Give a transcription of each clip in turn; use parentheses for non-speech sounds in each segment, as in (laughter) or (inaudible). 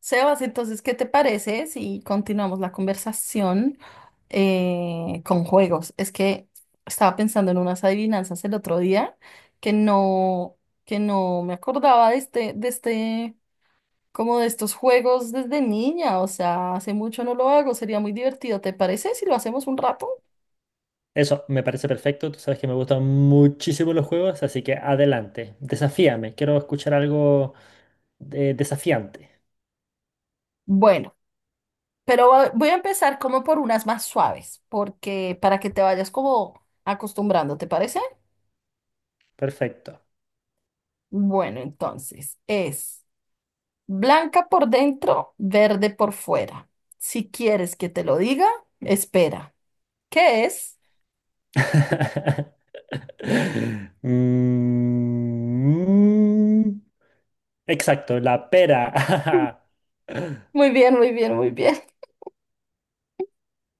Sebas, entonces, ¿qué te parece si continuamos la conversación con juegos? Es que estaba pensando en unas adivinanzas el otro día que no, que no me acordaba como de estos juegos desde niña. O sea, hace mucho no lo hago, sería muy divertido. ¿Te parece si lo hacemos un rato? Eso me parece perfecto. Tú sabes que me gustan muchísimo los juegos, así que adelante. Desafíame. Quiero escuchar algo desafiante. Bueno, pero voy a empezar como por unas más suaves, porque para que te vayas como acostumbrando, ¿te parece? Perfecto. Bueno, entonces es. Blanca por dentro, verde por fuera. Si quieres que te lo diga, espera. ¿Qué es? (laughs) Mm, exacto, la pera. (laughs) (laughs) Muy bien, muy bien, muy bien. (laughs)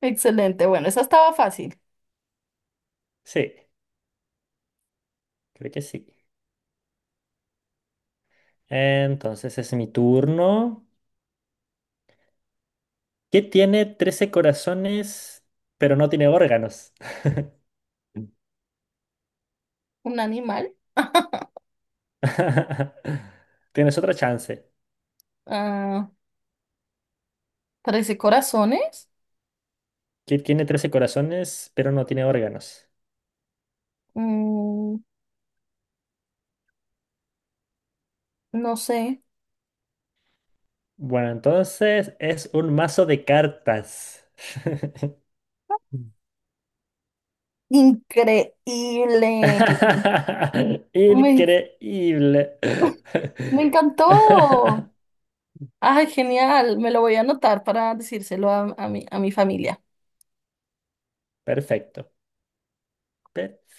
Excelente. Bueno, esa estaba fácil. Sí, creo que sí. Entonces es mi turno. ¿Qué tiene 13 corazones, pero no tiene órganos? Un animal. (laughs) (laughs) Tienes otra chance. Ah, 13 corazones. ¿Qué tiene trece corazones, pero no tiene órganos? Mm, no sé. Bueno, entonces es un mazo de cartas. (laughs) Mm. Increíble. (laughs) Me, Increíble. me encantó. (laughs) Ay, genial. Me lo voy a anotar para decírselo a a mi familia. Perfecto,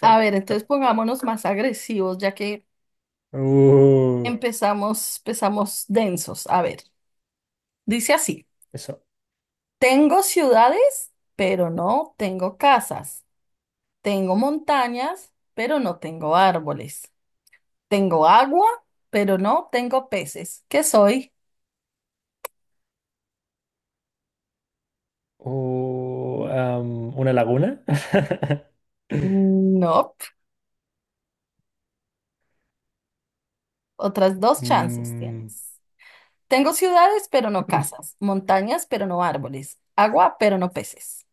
A ver, entonces pongámonos más agresivos, ya que Uh, empezamos, empezamos densos. A ver, dice así, eso. tengo ciudades, pero no tengo casas. Tengo montañas, pero no tengo árboles. Tengo agua, pero no tengo peces. ¿Qué soy? ¿Una laguna? (laughs) No. Otras dos chances Mm, tienes. Tengo ciudades, pero no casas. Montañas, pero no árboles. Agua, pero no peces.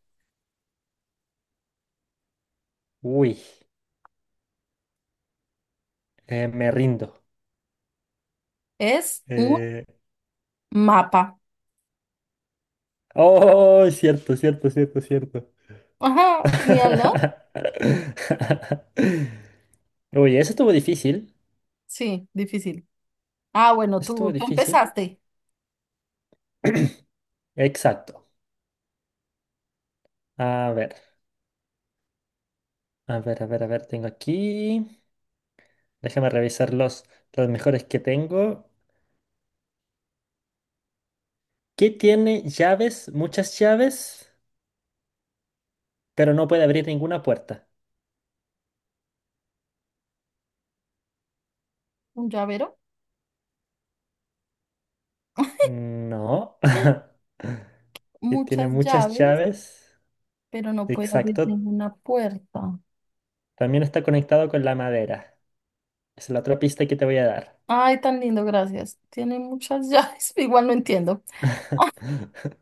uy, me rindo. Es un Eh, mapa. oh, cierto, cierto, cierto, cierto. Ajá, genial, ¿no? (laughs) Oye, eso estuvo difícil. Sí, difícil. Ah, bueno, Eso estuvo tú difícil. empezaste. Exacto. A ver, a ver, a ver, a ver, tengo aquí. Déjame revisar los mejores que tengo. ¿Qué tiene llaves, muchas llaves, pero no puede abrir ninguna puerta? Un llavero, No. (laughs) ¿Qué tiene muchas muchas llaves, llaves? pero no puede abrir Exacto. ninguna puerta. También está conectado con la madera. Es la otra pista que te voy a dar. Ay, tan lindo, gracias. Tiene muchas llaves, (laughs) igual no entiendo. (laughs)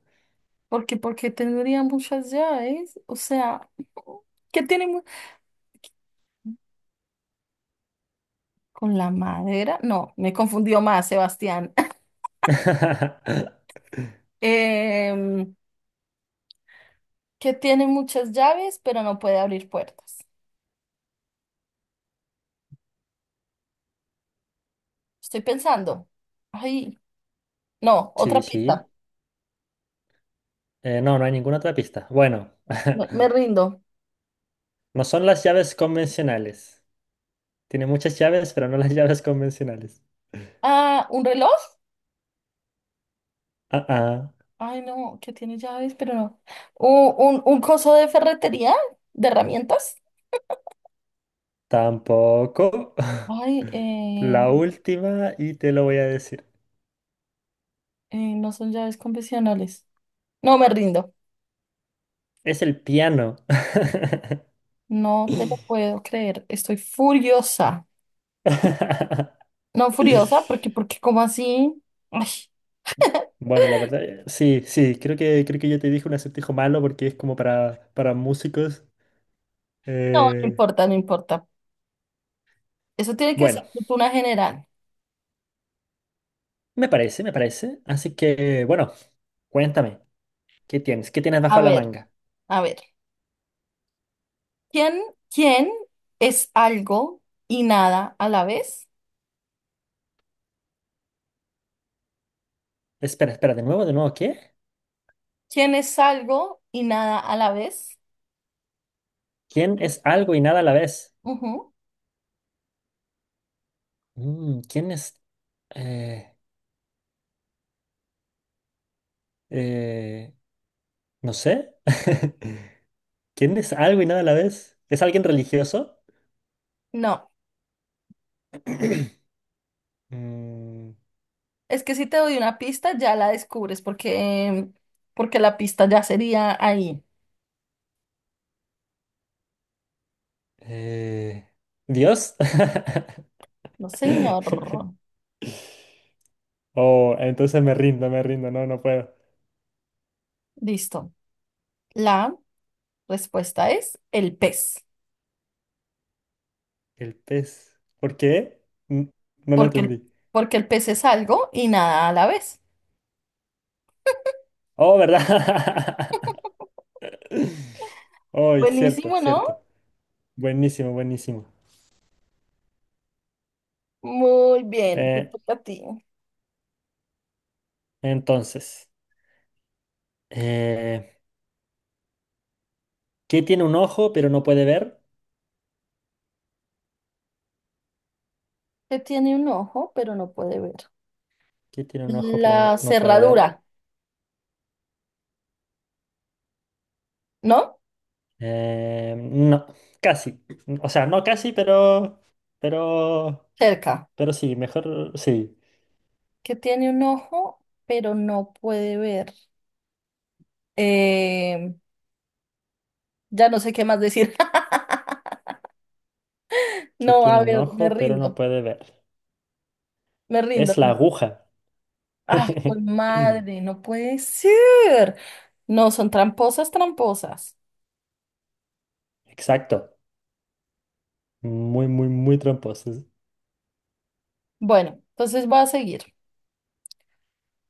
Porque tendría muchas llaves, o sea, ¿qué tiene mu- ¿con la madera? No, me confundió más, Sebastián. (laughs) Em, que tiene muchas llaves, pero no puede abrir puertas. Estoy pensando. Ay, no, otra Sí, pista. sí. No, no hay ninguna otra pista. Bueno, Me, (laughs) me rindo. no son las llaves convencionales. Tiene muchas llaves, pero no las (laughs) llaves convencionales. Ah, ¿un reloj? Ah, ah, Ay, no, que tiene llaves, pero no. ¿Un coso de ferretería? ¿De herramientas? tampoco. (laughs) Ay, La última, y te lo voy a decir. No son llaves convencionales. No me rindo. Es el piano. No te lo puedo creer. Estoy furiosa. (laughs) No furiosa, porque ¿cómo así? Ay, Bueno, la verdad, sí, sí, creo que yo te dije un acertijo malo porque es como para músicos. No Eh, importa, no importa. Eso tiene que ser bueno, cultura general. me parece, me parece. Así que, bueno, cuéntame, ¿qué tienes? ¿Qué tienes A bajo la ver, manga? a ver. ¿Quién, ¿quién es algo y nada a la vez? Espera, espera, de nuevo, ¿qué? ¿Quién es algo y nada a la vez? ¿Quién es algo y nada a la vez? Ujú. Mm, ¿quién es Eh, eh, no sé. (laughs) ¿Quién es algo y nada a la vez? ¿Es alguien religioso? No. Mm, Es que si te doy una pista, ya la descubres porque la pista ya sería ahí. eh, ¿Dios? (laughs) No, señor. Oh, entonces me rindo, me rindo. No, no puedo. Listo. La respuesta es el pez, El pez. ¿Por qué? N- No lo porque el, entendí. porque el pez es algo y nada a la vez. Oh, ¿verdad? (laughs) Oh, y cierto, Buenísimo, cierto. ¿no? Buenísimo, buenísimo. Muy bien, te Eh, toca a ti. entonces, eh, ¿qué tiene un ojo pero no puede ver? Que tiene un ojo, pero no puede ver. ¿Qué tiene un ojo pero La no puede ver? cerradura, ¿no? No, casi. O sea, no casi, pero, Cerca. pero sí, mejor sí. Que tiene un ojo, pero no puede ver. Eh, ya no sé qué más decir. (laughs) Que No, tiene a un ver, ojo, pero no puede ver. me rindo. Es la aguja. Ah, por (laughs) madre, no puede ser. No, son tramposas, tramposas. Exacto. Muy, muy, muy tramposos. Bueno, entonces voy a seguir.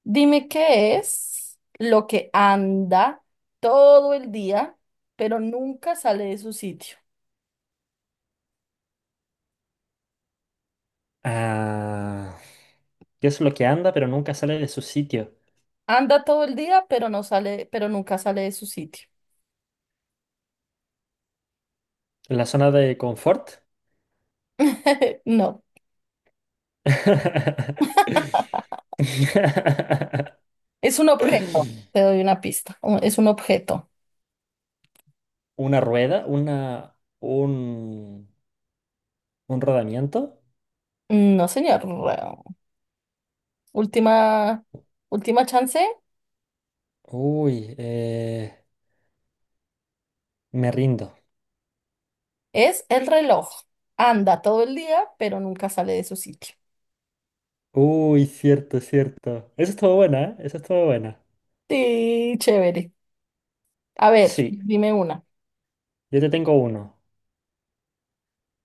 Dime qué es lo que anda todo el día, pero nunca sale de su sitio. Ah, ¿qué es lo que anda, pero nunca sale de su sitio? Anda todo el día, pero nunca sale de su sitio. ¿La zona de confort? (laughs) No, (laughs) es un objeto. Te doy una pista. Es un objeto. ¿Una rueda? Un, ¿un rodamiento? No, señor. Última, última chance. Uy, eh, Me rindo. Es el reloj. Anda todo el día, pero nunca sale de su sitio. Uy, cierto, cierto. Eso estuvo buena, ¿eh? Esa estuvo buena. Sí, chévere. A ver, Sí, dime una. yo te tengo uno.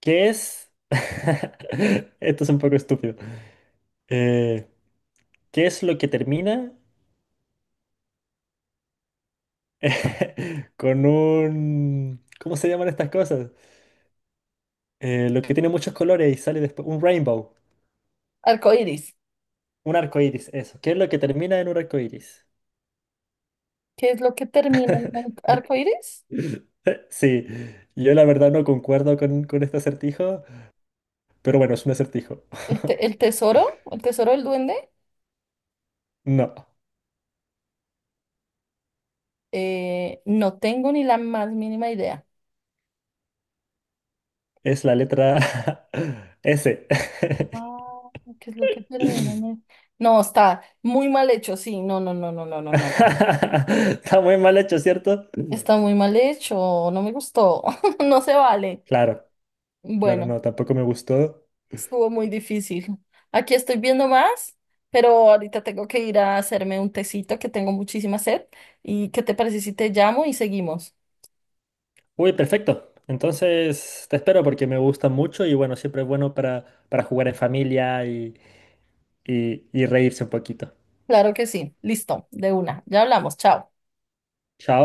¿Qué es? (laughs) Esto es un poco estúpido. Eh, ¿Qué es lo que termina (laughs) con un... ¿Cómo se llaman estas cosas? Lo que tiene muchos colores y sale después. Un rainbow. Arcoíris. Un arco iris, eso. ¿Qué es lo que termina en un arco iris? ¿Qué es lo que termina en un arcoíris? (laughs) Sí, yo la verdad no concuerdo con este acertijo, pero bueno, es un acertijo. ¿El, el tesoro? ¿El tesoro del duende? (laughs) No. No tengo ni la más mínima idea. Es la letra (laughs) S. (laughs) Ah, ¿qué es lo que termina en el- No, está muy mal hecho, sí. No, no, no, no, no, no, no. Está muy mal hecho, ¿cierto? Está muy mal hecho. No me gustó. (laughs) No se vale. Claro, claro, Bueno. no, tampoco me gustó. Estuvo muy difícil. Aquí estoy viendo más, pero ahorita tengo que ir a hacerme un tecito que tengo muchísima sed. ¿Y qué te parece si te llamo y seguimos? Uy, perfecto. Entonces te espero porque me gusta mucho y bueno, siempre es bueno para jugar en familia y reírse un poquito. Claro que sí. Listo, de una. Ya hablamos. Chao. Chao.